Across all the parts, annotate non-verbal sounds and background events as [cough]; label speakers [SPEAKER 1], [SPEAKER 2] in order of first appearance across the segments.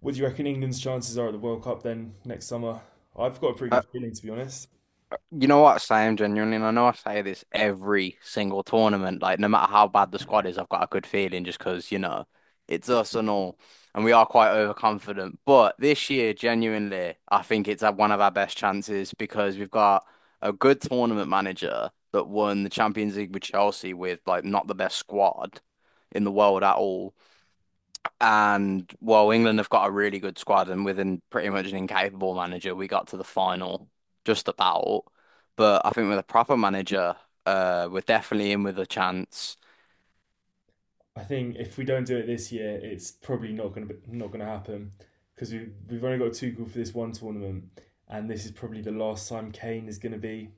[SPEAKER 1] What do you reckon England's chances are at the World Cup then next summer? I've got a pretty
[SPEAKER 2] Uh,
[SPEAKER 1] good feeling to be honest.
[SPEAKER 2] Sam, genuinely, and I know I say this every single tournament, like no matter how bad the squad is, I've got a good feeling just because it's us and all, and we are quite overconfident. But this year, genuinely, I think it's had one of our best chances because we've got a good tournament manager that won the Champions League with Chelsea with like not the best squad in the world at all. And while England have got a really good squad and within pretty much an incapable manager, we got to the final just about. But I think with a proper manager, we're definitely in with a chance.
[SPEAKER 1] I think if we don't do it this year, it's probably not gonna happen because we've only got Tuchel for this one tournament, and this is probably the last time Kane is gonna be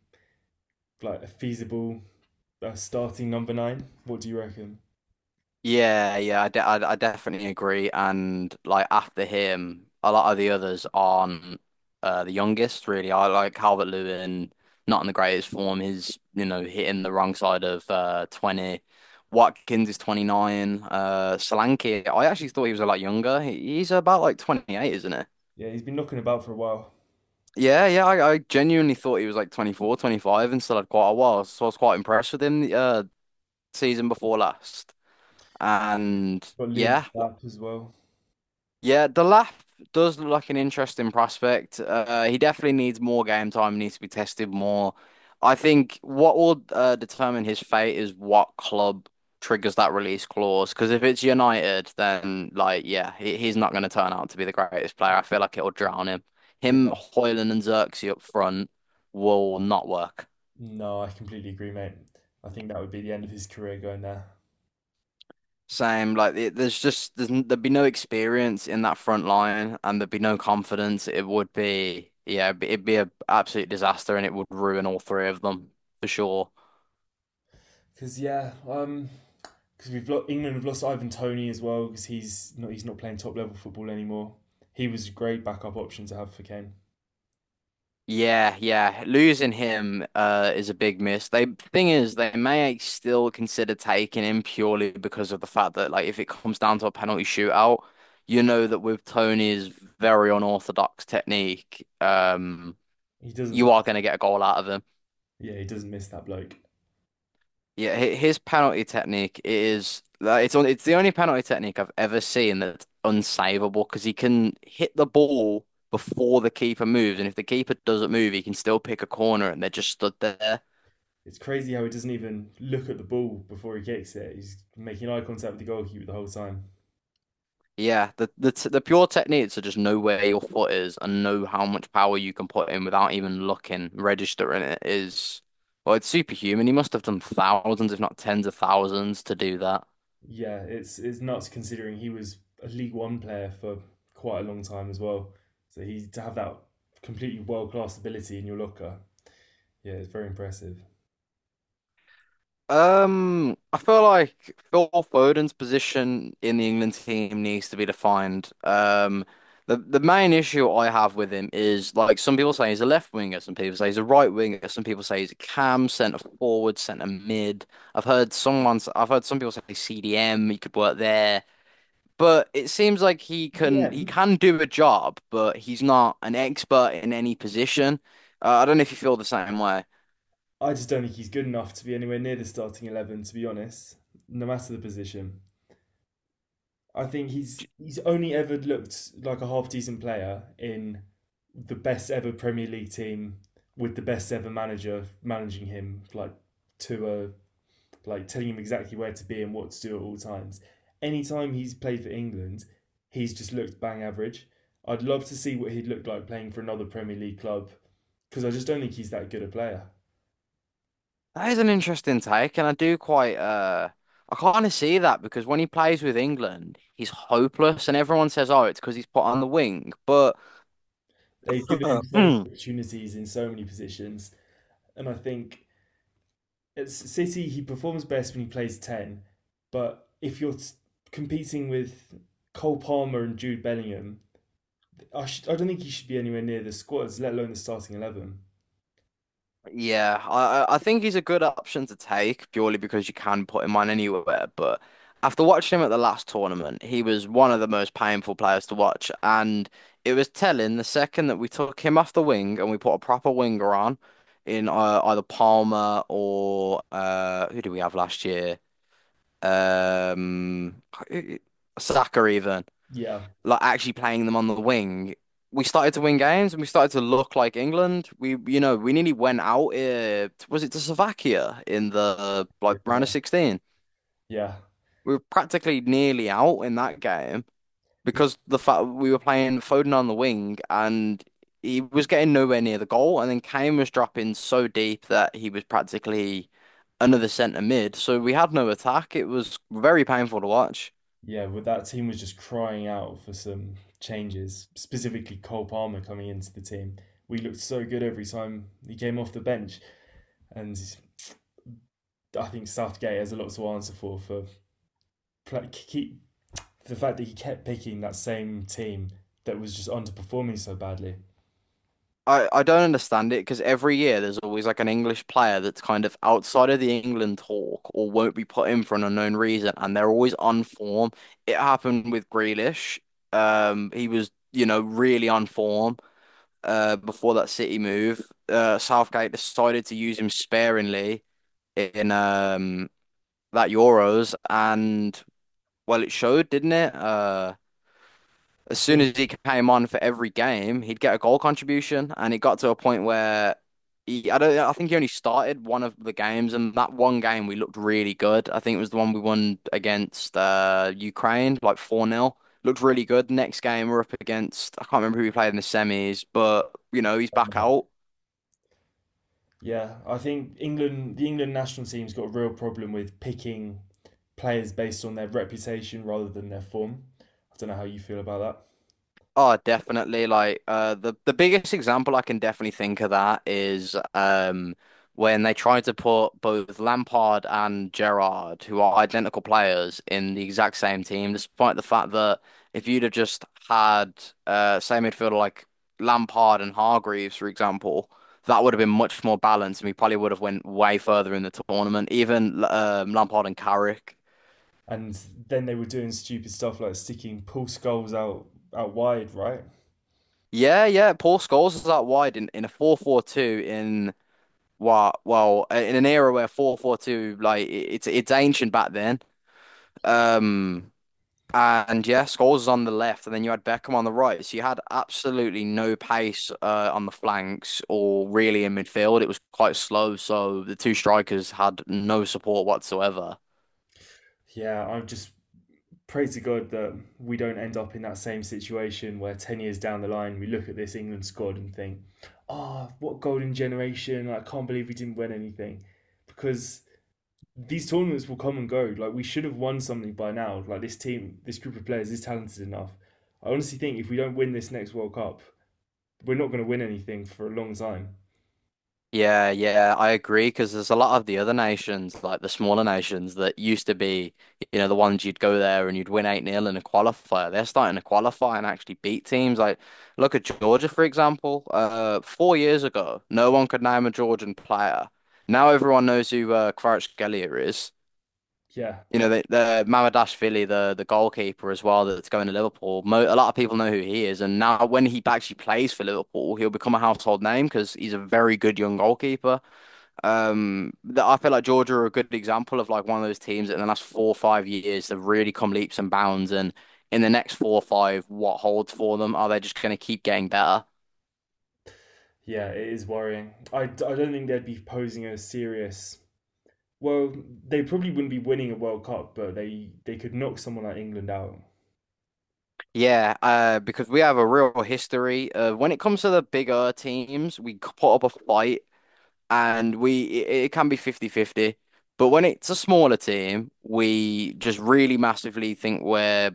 [SPEAKER 1] like a feasible starting number nine. What do you reckon?
[SPEAKER 2] Yeah, yeah, I definitely agree. And like after him, a lot of the others aren't the youngest, really. I like Calvert-Lewin, not in the greatest form. He's hitting the wrong side of 20. Watkins is 29. Solanke, I actually thought he was a lot younger. He's about like 28, isn't he?
[SPEAKER 1] Yeah, he's been knocking about for a while.
[SPEAKER 2] Yeah, yeah, I genuinely thought he was like 24, 25, and still had quite a while. So I was quite impressed with him the season before last. And
[SPEAKER 1] Got Liam
[SPEAKER 2] yeah.
[SPEAKER 1] Delap as well.
[SPEAKER 2] Yeah, the Delap does look like an interesting prospect. He definitely needs more game time, needs to be tested more. I think what will determine his fate is what club triggers that release clause. Because if it's United, then like yeah, he, he's not going to turn out to be the greatest player. I feel like it'll drown him. Him,
[SPEAKER 1] Yeah,
[SPEAKER 2] Højlund, and Xerxes up front will not work.
[SPEAKER 1] no, I completely agree, mate. I think that would be the end of his career going there.
[SPEAKER 2] Same, like it, there's just there's, n- there'd be no experience in that front line, and there'd be no confidence. It would be yeah, it'd be a absolute disaster, and it would ruin all three of them for sure.
[SPEAKER 1] Because yeah, because we've lost, England have lost Ivan Tony as well because he's not playing top level football anymore. He was a great backup option to have for Kane.
[SPEAKER 2] Yeah, yeah, losing him is a big miss. They thing is, they may still consider taking him purely because of the fact that like if it comes down to a penalty shootout, you know that with Tony's very unorthodox technique,
[SPEAKER 1] He doesn't
[SPEAKER 2] you are going to get a goal out of him.
[SPEAKER 1] Yeah, he doesn't miss that bloke.
[SPEAKER 2] Yeah, his penalty technique is like, it's the only penalty technique I've ever seen that's unsavable because he can hit the ball before the keeper moves, and if the keeper doesn't move, he can still pick a corner, and they're just stood there.
[SPEAKER 1] It's crazy how he doesn't even look at the ball before he kicks it. He's making eye contact with the goalkeeper the whole time.
[SPEAKER 2] Yeah, the pure techniques are just know where your foot is and know how much power you can put in without even looking, registering it is well, it's superhuman. He must have done thousands, if not tens of thousands, to do that.
[SPEAKER 1] Yeah, it's nuts considering he was a League One player for quite a long time as well. So he to have that completely world class ability in your locker, yeah, it's very impressive.
[SPEAKER 2] I feel like Phil Foden's position in the England team needs to be defined. The main issue I have with him is like some people say he's a left winger, some people say he's a right winger, some people say he's a cam, centre forward, centre mid. I've heard some people say CDM, he could work there, but it seems like he
[SPEAKER 1] EM
[SPEAKER 2] can do a job, but he's not an expert in any position. I don't know if you feel the same.
[SPEAKER 1] I just don't think he's good enough to be anywhere near the starting 11. To be honest, no matter the position, I think he's only ever looked like a half decent player in the best ever Premier League team with the best ever manager managing him, like to a like telling him exactly where to be and what to do at all times. Anytime he's played for England, he's just looked bang average. I'd love to see what he'd look like playing for another Premier League club because I just don't think he's that good a player.
[SPEAKER 2] That is an interesting take, and I do quite I kind of see that because when he plays with England, he's hopeless, and everyone says, "Oh, it's because he's put on the wing." But
[SPEAKER 1] They've given him
[SPEAKER 2] [laughs]
[SPEAKER 1] so many
[SPEAKER 2] [clears throat]
[SPEAKER 1] opportunities in so many positions. And I think at City, he performs best when he plays 10. But if you're s- competing with Cole Palmer and Jude Bellingham, I don't think he should be anywhere near the squads, let alone the starting 11.
[SPEAKER 2] yeah, I think he's a good option to take purely because you can put him on anywhere. But after watching him at the last tournament, he was one of the most painful players to watch, and it was telling the second that we took him off the wing and we put a proper winger on in either Palmer or who did we have last year? um, Saka even,
[SPEAKER 1] Yeah.
[SPEAKER 2] like actually playing them on the wing. We started to win games and we started to look like England. We, you know, we nearly went out. Was it to Slovakia in the
[SPEAKER 1] Yeah.
[SPEAKER 2] like round of
[SPEAKER 1] Yeah.
[SPEAKER 2] 16?
[SPEAKER 1] Yeah.
[SPEAKER 2] We were practically nearly out in that game
[SPEAKER 1] He-
[SPEAKER 2] because the fact we were playing Foden on the wing and he was getting nowhere near the goal. And then Kane was dropping so deep that he was practically another centre mid. So we had no attack. It was very painful to watch.
[SPEAKER 1] Yeah, well, that team was just crying out for some changes, specifically Cole Palmer coming into the team. We looked so good every time he came off the bench, and I think Southgate has a lot to answer for pla- keep the fact that he kept picking that same team that was just underperforming so badly.
[SPEAKER 2] I don't understand it because every year there's always like an English player that's kind of outside of the England talk or won't be put in for an unknown reason, and they're always on form. It happened with Grealish. He was, you know, really on form before that City move. Southgate decided to use him sparingly in that Euros, and well, it showed, didn't it?
[SPEAKER 1] I
[SPEAKER 2] As soon
[SPEAKER 1] think
[SPEAKER 2] as he came on for every game, he'd get a goal contribution, and it got to a point where he, I don't, I think he only started one of the games, and that one game we looked really good. I think it was the one we won against Ukraine, like 4 nil. Looked really good. Next game we're up against, I can't remember who we played in the semis, but you know he's back out.
[SPEAKER 1] yeah, I think England, the England national team's got a real problem with picking players based on their reputation rather than their form. I don't know how you feel about that.
[SPEAKER 2] Oh, definitely. Like the biggest example I can definitely think of that is when they tried to put both Lampard and Gerrard, who are identical players, in the exact same team, despite the fact that if you'd have just had say midfielder like Lampard and Hargreaves, for example, that would have been much more balanced, and we probably would have went way further in the tournament. Even Lampard and Carrick.
[SPEAKER 1] And then they were doing stupid stuff like sticking Paul Skulls out wide, right?
[SPEAKER 2] Yeah, yeah. Paul Scholes is out wide in a 4-4-2 in. Well, well, in an era where 442 like, it's ancient back then. Um and yeah, Scholes was on the left and then you had Beckham on the right. So you had absolutely no pace on the flanks or really in midfield. It was quite slow, so the two strikers had no support whatsoever.
[SPEAKER 1] Yeah, I just pray to God that we don't end up in that same situation where 10 years down the line we look at this England squad and think, ah, oh, what golden generation. I can't believe we didn't win anything. Because these tournaments will come and go. Like, we should have won something by now. Like, this team, this group of players is talented enough. I honestly think if we don't win this next World Cup, we're not going to win anything for a long time.
[SPEAKER 2] Yeah, yeah, I agree because there's a lot of the other nations, like the smaller nations that used to be, you know, the ones you'd go there and you'd win 8 nil in a qualifier. They're starting to qualify and actually beat teams. Like, look at Georgia, for example. 4 years ago, no one could name a Georgian player. Now everyone knows who Kvaratskhelia is.
[SPEAKER 1] Yeah.
[SPEAKER 2] You know, the Mamardashvili, the goalkeeper as well, that's going to Liverpool. Mo A lot of people know who he is, and now when he actually plays for Liverpool, he'll become a household name because he's a very good young goalkeeper. That I feel like Georgia are a good example of like one of those teams that in the last 4 or 5 years have really come leaps and bounds. And in the next four or five, what holds for them? Are they just going to keep getting better?
[SPEAKER 1] Yeah, it is worrying. I don't think they'd be posing a serious. Well, they probably wouldn't be winning a World Cup, but they could knock someone like England out.
[SPEAKER 2] Yeah, because we have a real history of when it comes to the bigger teams, we put up a fight and it can be 50 50. But when it's a smaller team, we just really massively think we're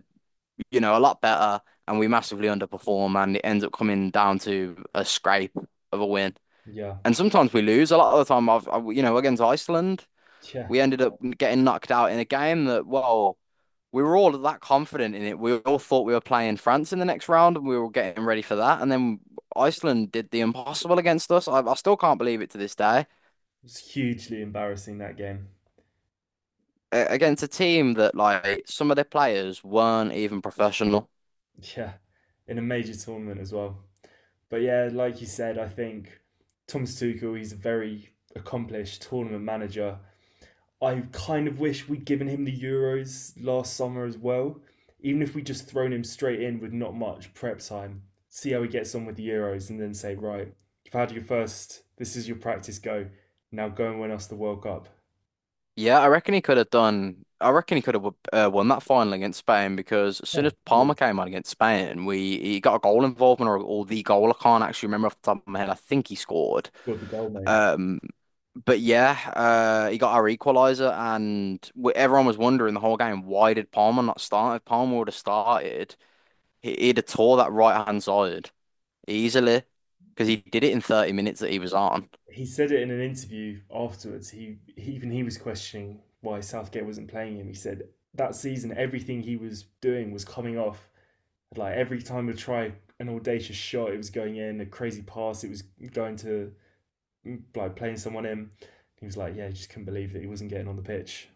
[SPEAKER 2] a lot better, and we massively underperform, and it ends up coming down to a scrape of a win.
[SPEAKER 1] Yeah,
[SPEAKER 2] And sometimes we lose. A lot of the time, I've, I, you know, against Iceland,
[SPEAKER 1] yeah,
[SPEAKER 2] we ended up getting knocked out in a game that, well, we were all that confident in it. We all thought we were playing France in the next round, and we were getting ready for that. And then Iceland did the impossible against us. I still can't believe it to this day.
[SPEAKER 1] it's hugely embarrassing that game.
[SPEAKER 2] Against a team that, like, some of their players weren't even professional.
[SPEAKER 1] Yeah, in a major tournament as well. But yeah, like you said, I think Thomas Tuchel he's a very accomplished tournament manager. I kind of wish we'd given him the Euros last summer as well. Even if we just thrown him straight in with not much prep time, see how he gets on with the Euros, and then say, right, you've had your first. This is your practice go. Now go and win us the World Cup.
[SPEAKER 2] Yeah, I reckon he could have done. I reckon he could have won that final against Spain because as soon
[SPEAKER 1] Yeah,
[SPEAKER 2] as Palmer
[SPEAKER 1] easily
[SPEAKER 2] came on against Spain, we he got a goal involvement or the goal. I can't actually remember off the top of my head. I think he scored.
[SPEAKER 1] scored the goal, mate.
[SPEAKER 2] Um, but yeah, he got our equaliser, and w everyone was wondering the whole game why did Palmer not start? If Palmer would have started, he'd have tore that right hand side easily because he did it in 30 minutes that he was on.
[SPEAKER 1] He said it in an interview afterwards. He even he was questioning why Southgate wasn't playing him. He said that season everything he was doing was coming off like every time we try an audacious shot, it was going in a crazy pass. It was going to like playing someone in. He was like, yeah, he just couldn't believe that he wasn't getting on the pitch.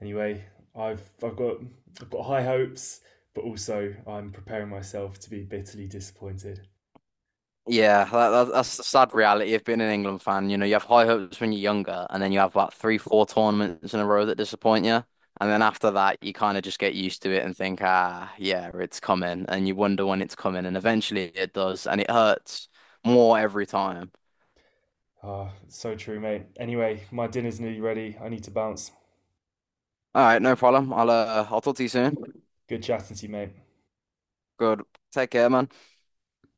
[SPEAKER 1] Anyway, I've I've got I've got high hopes, but also I'm preparing myself to be bitterly disappointed.
[SPEAKER 2] Yeah, that's the sad reality of being an England fan. You know, you have high hopes when you're younger, and then you have about three, four tournaments in a row that disappoint you. And then after that, you kind of just get used to it and think, ah, yeah, it's coming. And you wonder when it's coming. And eventually it does. And it hurts more every time.
[SPEAKER 1] Ah, so true, mate. Anyway, my dinner's nearly ready. I need to bounce.
[SPEAKER 2] All right, no problem. I'll talk to you soon.
[SPEAKER 1] Good chatting to you, mate.
[SPEAKER 2] Good. Take care, man.